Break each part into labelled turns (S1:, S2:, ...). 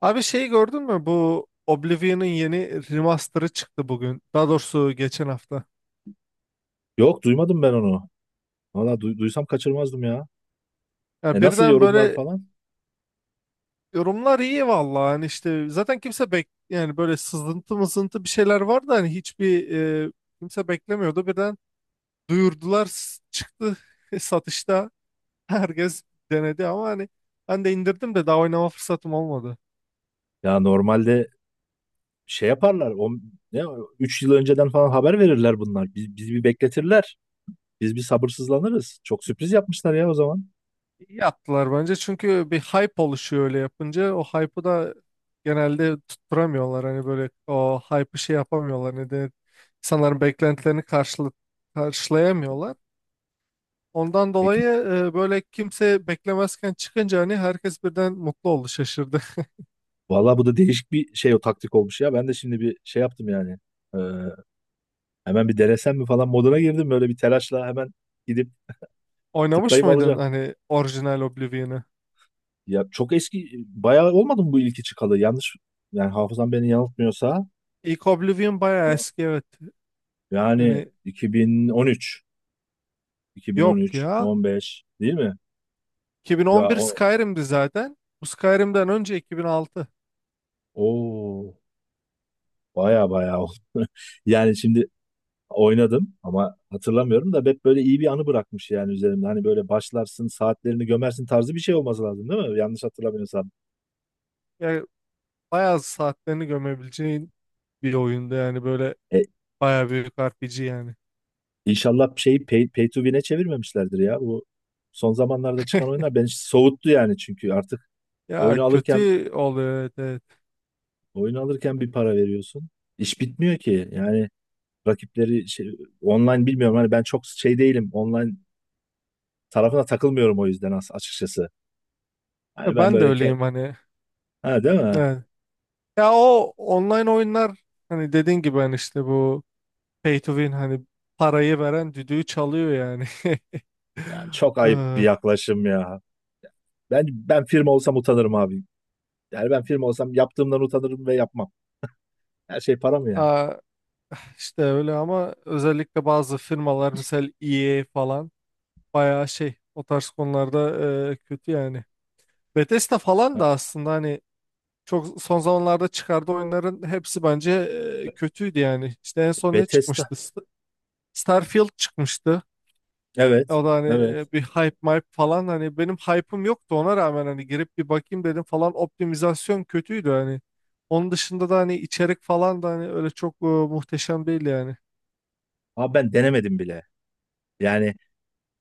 S1: Abi şeyi gördün mü? Bu Oblivion'ın yeni remaster'ı çıktı bugün. Daha doğrusu geçen hafta.
S2: Yok duymadım ben onu. Valla duysam kaçırmazdım ya.
S1: Ya
S2: E nasıl
S1: birden
S2: yorumlar
S1: böyle
S2: falan?
S1: yorumlar iyi vallahi. Hani işte zaten kimse yani böyle sızıntı mızıntı bir şeyler vardı, hani hiçbir e, kimse beklemiyordu. Birden duyurdular, çıktı satışta. Herkes denedi ama hani ben de indirdim de daha oynama fırsatım olmadı.
S2: Ya normalde şey yaparlar. O, ne, 3 yıl önceden falan haber verirler bunlar. Bizi bir bekletirler. Biz bir sabırsızlanırız. Çok sürpriz yapmışlar ya o zaman.
S1: İyi yaptılar bence, çünkü bir hype oluşuyor öyle yapınca, o hype'ı da genelde tutturamıyorlar, hani böyle o hype'ı şey yapamıyorlar, ne denir, insanların beklentilerini karşılayamıyorlar. Ondan
S2: Peki.
S1: dolayı böyle kimse beklemezken çıkınca, hani herkes birden mutlu oldu, şaşırdı.
S2: Vallahi bu da değişik bir şey, o taktik olmuş ya. Ben de şimdi bir şey yaptım yani. Ee, Hemen bir denesem mi falan moduna girdim. Böyle bir telaşla hemen gidip
S1: Oynamış
S2: tıklayıp
S1: mıydın
S2: alacağım.
S1: hani orijinal Oblivion'ı?
S2: Ya çok eski bayağı olmadı mı bu ilki çıkalı? Yanlış, yani hafızam beni yanıltmıyorsa
S1: İlk Oblivion bayağı eski, evet.
S2: yani
S1: Hani
S2: 2013,
S1: yok
S2: 2013,
S1: ya.
S2: 15 değil mi? Ya
S1: 2011
S2: o
S1: Skyrim'di zaten. Bu Skyrim'den önce 2006.
S2: o baya baya oldu. Yani şimdi oynadım ama hatırlamıyorum da hep böyle iyi bir anı bırakmış yani üzerimde. Hani böyle başlarsın, saatlerini gömersin tarzı bir şey olması lazım değil mi? Yanlış hatırlamıyorsam.
S1: Ya bayağı saatlerini gömebileceğin bir oyunda yani, böyle
S2: E,
S1: bayağı büyük RPG yani.
S2: inşallah şeyi pay to win'e çevirmemişlerdir ya. Bu son zamanlarda çıkan oyunlar beni soğuttu yani, çünkü artık
S1: Ya
S2: oyunu alırken
S1: kötü oluyor, evet, evet.
S2: oyunu alırken bir para veriyorsun. İş bitmiyor ki. Yani rakipleri şey, online bilmiyorum. Hani ben çok şey değilim. Online tarafına takılmıyorum o yüzden, açıkçası. Hani
S1: Ya
S2: ben
S1: ben de
S2: böyle
S1: öyleyim hani.
S2: ha, değil mi?
S1: Evet. Ya o online oyunlar hani, dediğin gibi, hani işte bu pay to win, hani parayı veren düdüğü çalıyor yani.
S2: Yani çok ayıp bir
S1: Ee,
S2: yaklaşım ya. Ben firma olsam utanırım abi. Yani ben firma olsam yaptığımdan utanırım ve yapmam. Her şey para mı ya?
S1: aa, işte öyle, ama özellikle bazı firmalar misal EA falan bayağı şey o tarz konularda kötü yani. Bethesda falan
S2: Ha,
S1: da aslında, hani çok son zamanlarda çıkardığı oyunların hepsi bence
S2: Be-
S1: kötüydü yani. İşte en son ne
S2: Bethesda.
S1: çıkmıştı? Starfield çıkmıştı.
S2: Evet.
S1: O da hani
S2: Evet.
S1: bir hype mype falan, hani benim hype'ım yoktu, ona rağmen hani girip bir bakayım dedim falan, optimizasyon kötüydü hani. Onun dışında da hani içerik falan da hani öyle çok muhteşem değil yani.
S2: Abi ben denemedim bile. Yani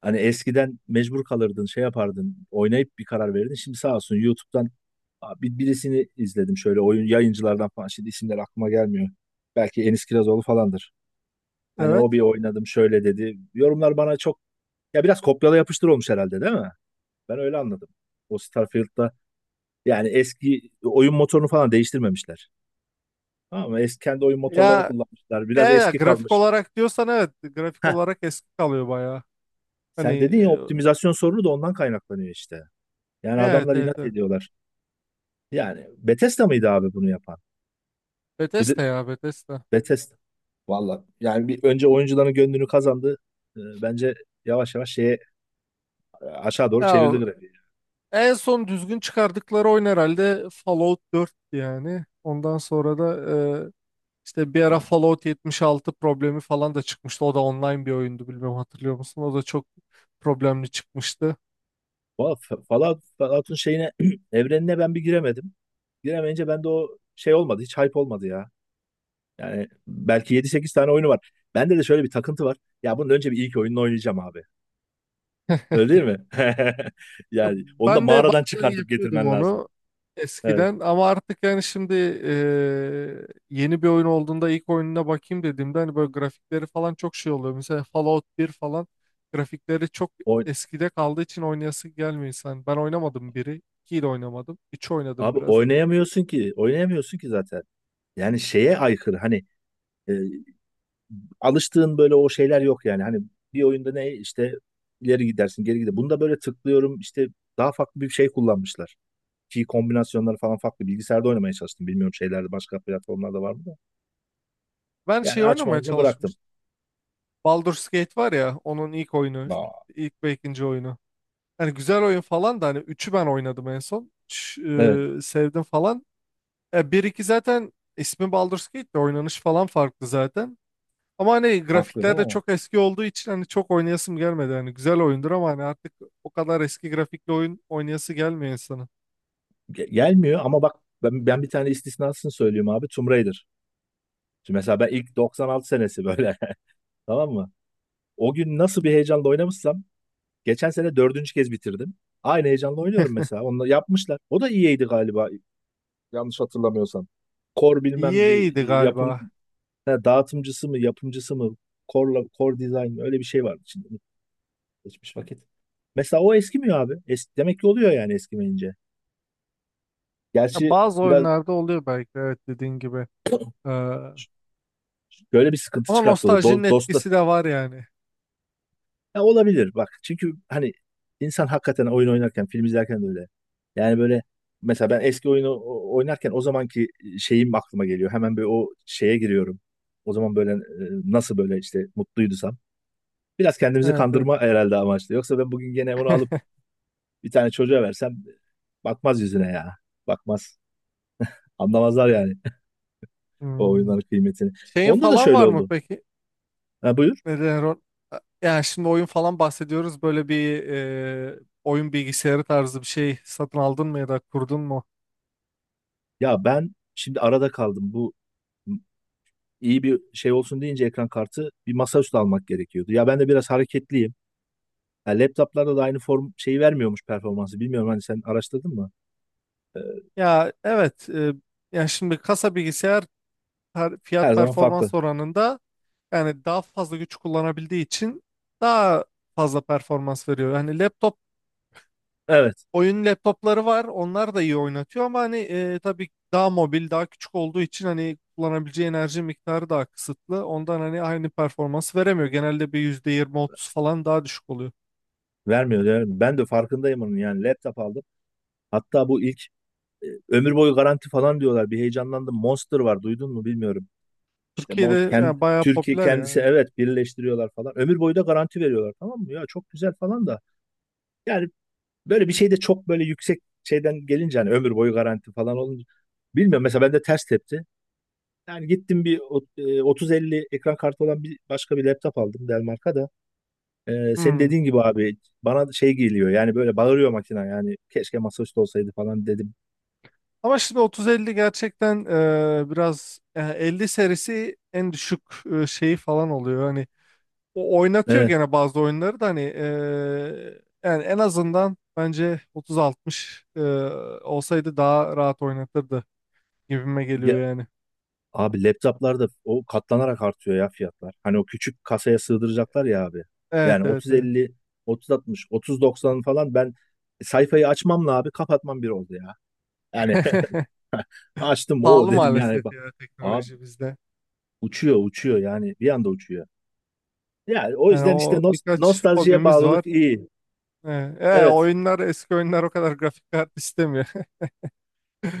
S2: hani eskiden mecbur kalırdın, şey yapardın, oynayıp bir karar verirdin. Şimdi sağ olsun YouTube'dan abi bir birisini izledim, şöyle oyun yayıncılardan falan. Şimdi isimler aklıma gelmiyor. Belki Enis Kirazoğlu falandır. Hani
S1: Evet.
S2: o bir oynadım şöyle dedi. Yorumlar bana çok, ya biraz kopyala yapıştır olmuş herhalde değil mi? Ben öyle anladım. O Starfield'da, yani eski oyun motorunu falan değiştirmemişler. Tamam mı? Eski kendi oyun motorlarını
S1: Ya,
S2: kullanmışlar. Biraz
S1: ya
S2: eski
S1: grafik
S2: kalmış.
S1: olarak diyorsan, evet, grafik
S2: Heh,
S1: olarak eski kalıyor bayağı. Hani
S2: sen dedin ya, optimizasyon sorunu da ondan kaynaklanıyor işte. Yani
S1: ya, evet,
S2: adamlar
S1: evet,
S2: inat
S1: evet.
S2: ediyorlar. Yani Bethesda mıydı abi bunu yapan? Bu de,
S1: Bethesda, ya Bethesda.
S2: Bethesda. Valla yani bir önce oyuncuların gönlünü kazandı. Bence yavaş yavaş şeye, aşağı doğru
S1: Ya
S2: çevirdi grafiği.
S1: en son düzgün çıkardıkları oyun herhalde Fallout 4 yani. Ondan sonra da e, işte bir ara
S2: Yani.
S1: Fallout 76 problemi falan da çıkmıştı. O da online bir oyundu, bilmiyorum, hatırlıyor musun? O da çok problemli çıkmıştı.
S2: Valla Fallout'un şeyine evrenine ben bir giremedim. Giremeyince bende o şey olmadı. Hiç hype olmadı ya. Yani belki 7-8 tane oyunu var. Bende de şöyle bir takıntı var. Ya bunun önce bir ilk oyununu oynayacağım abi. Öyle değil mi? Yani onu da
S1: Ben de
S2: mağaradan
S1: bazen
S2: çıkartıp
S1: yapıyordum
S2: getirmen lazım.
S1: onu
S2: Evet.
S1: eskiden, ama artık, yani şimdi yeni bir oyun olduğunda ilk oyununa bakayım dediğimde hani böyle grafikleri falan çok şey oluyor. Mesela Fallout bir falan grafikleri çok
S2: Oy-
S1: eskide kaldığı için oynayası gelmiyor insan. Ben oynamadım biri, 2'yi de oynamadım. 3 oynadım
S2: Abi
S1: biraz, bir tek.
S2: oynayamıyorsun ki. Oynayamıyorsun ki zaten. Yani şeye aykırı. Hani e, alıştığın böyle o şeyler yok yani. Hani bir oyunda ne işte, ileri gidersin geri gider. Bunda böyle tıklıyorum işte, daha farklı bir şey kullanmışlar. Ki kombinasyonları falan farklı. Bilgisayarda oynamaya çalıştım. Bilmiyorum şeylerde, başka platformlarda var mı da.
S1: Ben
S2: Yani
S1: şey oynamaya
S2: açmayınca bıraktım.
S1: çalışmıştım. Baldur's Gate var ya, onun ilk oyunu,
S2: Aa.
S1: ilk ve ikinci oyunu. Hani güzel oyun falan da, hani üçü ben oynadım en son. Üç,
S2: Evet.
S1: sevdim falan. Ya 1-2 zaten ismi Baldur's Gate de, oynanış falan farklı zaten. Ama hani
S2: Haklı
S1: grafikler
S2: değil
S1: de
S2: mi?
S1: çok eski olduğu için hani çok oynayasım gelmedi. Hani güzel oyundur ama hani artık o kadar eski grafikli oyun oynayası gelmiyor insanın.
S2: Gelmiyor ama bak, ben bir tane istisnasını söyleyeyim abi: Tomb Raider. Şimdi mesela ben ilk 96 senesi böyle, tamam mı? O gün nasıl bir heyecanla oynamışsam geçen sene dördüncü kez bitirdim. Aynı heyecanla oynuyorum mesela. Onu yapmışlar. O da iyiydi galiba, yanlış hatırlamıyorsam. Core bilmem bir
S1: EA'ydi
S2: yapım,
S1: galiba.
S2: ha, dağıtımcısı mı yapımcısı mı, Core'la Core Design mi? Öyle bir şey vardı. Şimdi geçmiş vakit. Mesela o eskimiyor abi. Es, demek ki oluyor yani eskimeyince.
S1: Ya
S2: Gerçi
S1: bazı
S2: biraz,
S1: oyunlarda oluyor belki, evet, dediğin gibi. Ee,
S2: böyle bir sıkıntı
S1: ama
S2: çıkarttı o da.
S1: nostaljinin
S2: Dosta,
S1: etkisi de var yani.
S2: ya, olabilir bak. Çünkü hani insan hakikaten oyun oynarken, film izlerken de öyle. Yani böyle, mesela ben eski oyunu oynarken, o zamanki şeyim aklıma geliyor. Hemen böyle o şeye giriyorum. O zaman böyle nasıl böyle işte mutluydusam. Biraz kendimizi
S1: Evet, evet.
S2: kandırma herhalde amaçlı. Yoksa ben bugün gene onu alıp bir tane çocuğa versem bakmaz yüzüne ya. Bakmaz. Anlamazlar yani o
S1: Hmm.
S2: oyunların kıymetini.
S1: Şeyin
S2: Onda da
S1: falan
S2: şöyle
S1: var mı
S2: oldu.
S1: peki?
S2: Ha, buyur.
S1: Neden denir, yani şimdi oyun falan bahsediyoruz. Böyle bir oyun bilgisayarı tarzı bir şey satın aldın mı ya da kurdun mu?
S2: Ya ben şimdi arada kaldım. Bu iyi bir şey olsun deyince ekran kartı, bir masaüstü almak gerekiyordu. Ya ben de biraz hareketliyim. Ya laptoplarda da aynı form şeyi vermiyormuş, performansı. Bilmiyorum, hani sen araştırdın mı?
S1: Ya, evet. Yani şimdi kasa bilgisayar,
S2: Her
S1: fiyat
S2: zaman farklı.
S1: performans oranında, yani daha fazla güç kullanabildiği için daha fazla performans veriyor. Yani laptop,
S2: Evet.
S1: oyun laptopları var. Onlar da iyi oynatıyor, ama hani tabii daha mobil, daha küçük olduğu için hani kullanabileceği enerji miktarı daha kısıtlı. Ondan hani aynı performans veremiyor. Genelde bir %20, 30 falan daha düşük oluyor.
S2: Vermiyor, vermiyor. Ben de farkındayım onun. Yani laptop aldım. Hatta bu ilk, ömür boyu garanti falan diyorlar. Bir heyecanlandım. Monster var. Duydun mu bilmiyorum. İşte Monster
S1: Türkiye'de
S2: kendi
S1: yani bayağı
S2: Türkiye,
S1: popüler
S2: kendisi
S1: ya.
S2: evet birleştiriyorlar falan. Ömür boyu da garanti veriyorlar, tamam mı? Ya çok güzel falan da. Yani böyle bir şey de çok böyle yüksek şeyden gelince, hani ömür boyu garanti falan olunca, bilmiyorum, mesela bende ters tepti. Yani gittim bir 30-50 ekran kartı olan bir başka bir laptop aldım, Dell marka da. E, senin
S1: Hmm.
S2: dediğin gibi abi, bana şey geliyor yani, böyle bağırıyor makina, yani keşke masaüstü olsaydı falan dedim.
S1: Ama şimdi otuz 50 gerçekten biraz 50 serisi en düşük şeyi falan oluyor. Hani o oynatıyor
S2: E,
S1: gene bazı oyunları da, hani yani en azından bence 3060 olsaydı daha rahat oynatırdı gibime geliyor
S2: ya,
S1: yani.
S2: abi laptoplarda o katlanarak artıyor ya fiyatlar. Hani o küçük kasaya sığdıracaklar ya abi.
S1: Evet,
S2: Yani
S1: evet, evet.
S2: 30-50, 30-60, 30-90 falan, ben sayfayı açmamla abi kapatmam bir oldu ya. Yani açtım, o
S1: Pahalı
S2: dedim yani,
S1: maalesef
S2: bak.
S1: ya,
S2: Abi
S1: teknoloji bizde.
S2: uçuyor uçuyor yani, bir anda uçuyor. Yani o
S1: Yani
S2: yüzden işte,
S1: o birkaç
S2: nostaljiye
S1: hobimiz var.
S2: bağlılık iyi.
S1: Evet. E,
S2: Evet.
S1: oyunlar eski oyunlar o kadar grafik kart istemiyor.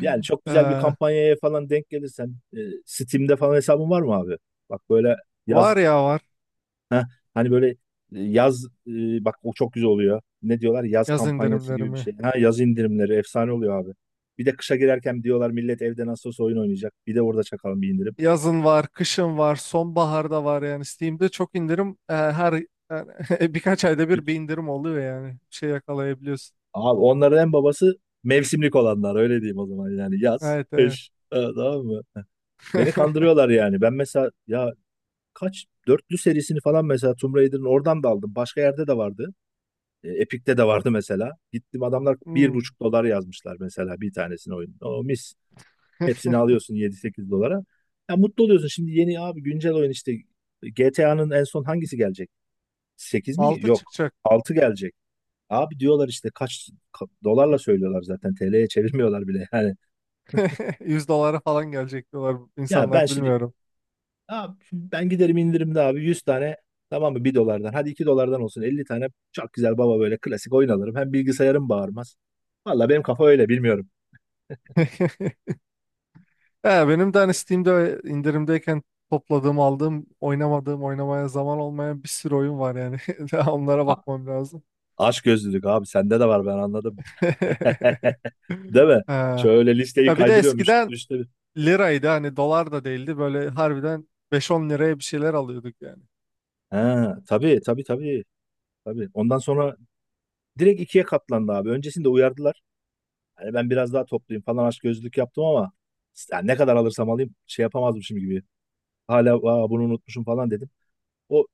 S2: Yani çok güzel bir
S1: Eee,
S2: kampanyaya falan denk gelirsen Steam'de falan hesabın var mı abi? Bak böyle yaz,
S1: var ya var,
S2: heh, hani böyle yaz, bak o çok güzel oluyor. Ne diyorlar? Yaz
S1: yaz
S2: kampanyası gibi bir
S1: indirimlerimi.
S2: şey. Ha, yaz indirimleri efsane oluyor abi. Bir de kışa girerken diyorlar, millet evde nasıl olsa oyun oynayacak, bir de orada çakalım bir indirim.
S1: Yazın var, kışın var, sonbaharda var, yani Steam'de çok indirim her yani birkaç ayda bir bir indirim oluyor yani. Bir şey yakalayabiliyorsun.
S2: Abi onların en babası mevsimlik olanlar, öyle diyeyim o zaman yani yaz,
S1: Evet, evet.
S2: kış, tamam mı? Beni kandırıyorlar yani. Ben mesela ya, kaç dörtlü serisini falan mesela, Tomb Raider'ın oradan da aldım. Başka yerde de vardı. E, Epic'te de vardı mesela. Gittim adamlar bir
S1: Hmm.
S2: buçuk dolar yazmışlar mesela bir tanesini, oyun. O mis. Hepsini alıyorsun 7-8 dolara. Ya mutlu oluyorsun. Şimdi yeni abi, güncel oyun işte, GTA'nın en son hangisi gelecek? 8 mi?
S1: 6
S2: Yok.
S1: çıkacak.
S2: Altı gelecek. Abi diyorlar işte kaç dolarla söylüyorlar zaten, TL'ye çevirmiyorlar bile yani.
S1: 100 dolara falan gelecek diyorlar
S2: Ya ben
S1: insanlar,
S2: şimdi
S1: bilmiyorum.
S2: abi, şimdi ben giderim indirimde abi, 100 tane, tamam mı, 1 dolardan, hadi 2 dolardan olsun, 50 tane çok güzel baba böyle klasik oyun alırım. Hem bilgisayarım bağırmaz. Valla benim kafa öyle, bilmiyorum.
S1: He, benim de hani Steam'de indirimdeyken topladığım, aldığım, oynamadığım, oynamaya zaman olmayan bir sürü oyun var yani. Daha onlara
S2: A
S1: bakmam lazım.
S2: Aç gözlülük abi sende de var, ben anladım. Değil mi?
S1: He.
S2: Şöyle listeyi
S1: Ya bir de
S2: kaydırıyorum
S1: eskiden
S2: üstte.
S1: liraydı, hani dolar da değildi, böyle harbiden beş on liraya bir şeyler alıyorduk yani.
S2: Ha, tabii tabii tabii. Tabii. Ondan sonra direkt ikiye katlandı abi. Öncesinde uyardılar. Hani ben biraz daha topluyum falan, aşk gözlük yaptım ama yani ne kadar alırsam alayım şey yapamazdım şimdi gibi. Hala, "Aa, bunu unutmuşum," falan dedim. O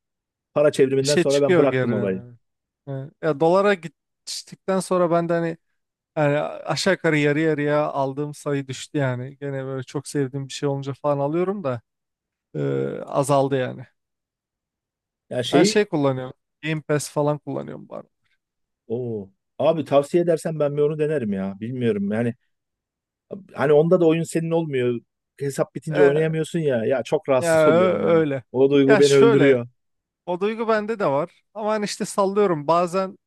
S2: para
S1: Bir
S2: çevriminden
S1: şey
S2: sonra ben
S1: çıkıyor
S2: bıraktım
S1: geriden
S2: olayı.
S1: hani. Evet. Ya dolara geçtikten sonra ben de, hani aşağı yukarı yarı yarıya aldığım sayı düştü yani. Gene böyle çok sevdiğim bir şey olunca falan alıyorum da e, azaldı yani.
S2: Ya,
S1: Ben şey
S2: şeyi
S1: kullanıyorum. Game Pass falan kullanıyorum
S2: o abi, tavsiye edersen ben bir onu denerim ya. Bilmiyorum yani, hani onda da oyun senin olmuyor. Hesap bitince
S1: bari.
S2: oynayamıyorsun ya. Ya çok rahatsız
S1: Ya
S2: oluyorum ya.
S1: öyle.
S2: O duygu
S1: Ya
S2: beni
S1: şöyle,
S2: öldürüyor.
S1: o duygu bende de var, ama hani işte sallıyorum bazen,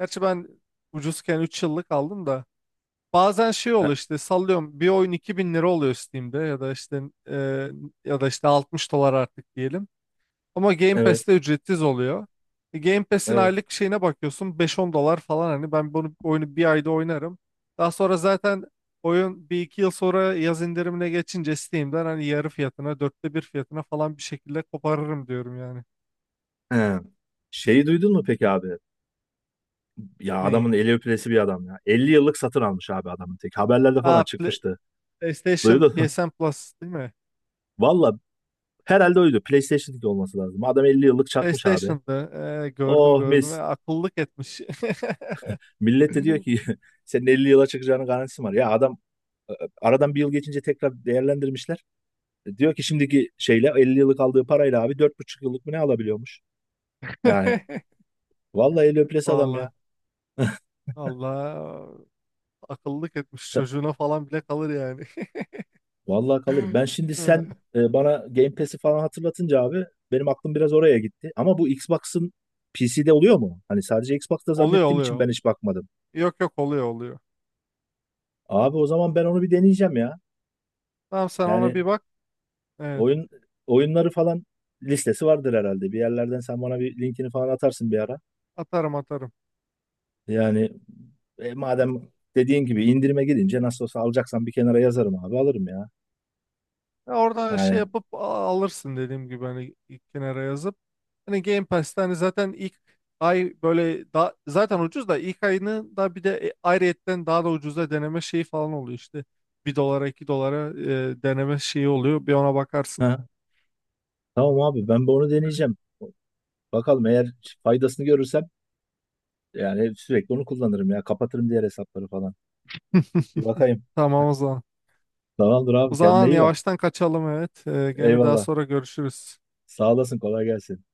S1: gerçi ben ucuzken 3 yıllık aldım da, bazen şey
S2: E-
S1: oluyor, işte sallıyorum bir oyun 2.000 lira oluyor Steam'de, ya da işte e, ya da işte 60 dolar artık diyelim. Ama Game
S2: Evet,
S1: Pass'te ücretsiz oluyor. Game Pass'in
S2: evet.
S1: aylık şeyine bakıyorsun, beş on dolar falan, hani ben bunu, oyunu bir ayda oynarım. Daha sonra zaten oyun bir iki yıl sonra yaz indirimine geçince Steam'den hani yarı fiyatına, dörtte bir fiyatına falan bir şekilde koparırım diyorum yani.
S2: He. Şeyi duydun mu peki abi? Ya
S1: Neyi?
S2: adamın eli öpülesi bir adam ya. 50 yıllık satın almış abi adamın tek. Haberlerde falan
S1: Aa,
S2: çıkmıştı.
S1: PlayStation
S2: Duydun.
S1: PSN Plus değil mi?
S2: Valla, herhalde oydu. PlayStation 2 olması lazım. Adam 50 yıllık çakmış abi.
S1: PlayStation'da gördüm,
S2: Oh
S1: gördüm.
S2: mis.
S1: Akıllık etmiş.
S2: Millet de diyor ki, senin 50 yıla çıkacağının garantisi var. Ya adam, e, aradan bir yıl geçince tekrar değerlendirmişler. E, diyor ki şimdiki şeyle 50 yıllık aldığı parayla abi 4,5 yıllık mı ne alabiliyormuş. Yani vallahi el öpülesi adam ya.
S1: Vallahi, Allah, akıllık etmiş, çocuğuna falan bile kalır yani.
S2: Vallahi kalır. Ben şimdi,
S1: Ee,
S2: sen bana Game Pass'i falan hatırlatınca abi, benim aklım biraz oraya gitti. Ama bu Xbox'ın PC'de oluyor mu? Hani sadece Xbox'ta
S1: Oluyor,
S2: zannettiğim için
S1: oluyor.
S2: ben hiç bakmadım.
S1: Yok, yok, oluyor, oluyor.
S2: Abi o zaman ben onu bir deneyeceğim ya.
S1: Tamam, sen ona
S2: Yani
S1: bir bak. Evet,
S2: oyun, oyunları falan listesi vardır herhalde. Bir yerlerden sen bana bir linkini falan atarsın bir ara.
S1: atarım, atarım.
S2: Yani, madem dediğin gibi indirime gidince nasıl olsa alacaksan, bir kenara yazarım abi, alırım ya.
S1: Ya orada şey
S2: Yani
S1: yapıp, alırsın dediğim gibi, hani ilk kenara yazıp. Hani Game Pass'te hani zaten ilk ay böyle da, zaten ucuz da, ilk ayını da bir de ayrıyetten daha da ucuza deneme şeyi falan oluyor işte. Bir dolara, 2 dolara deneme şeyi oluyor. Bir ona bakarsın.
S2: ha, tamam abi, ben bir onu deneyeceğim. Bakalım, eğer faydasını görürsem yani sürekli onu kullanırım ya. Kapatırım diğer hesapları falan. Bir bakayım.
S1: Tamam, o zaman.
S2: Tamamdır
S1: O
S2: abi, kendine
S1: zaman
S2: iyi bak.
S1: yavaştan kaçalım, evet. Gene daha
S2: Eyvallah.
S1: sonra görüşürüz.
S2: Sağ olasın, kolay gelsin.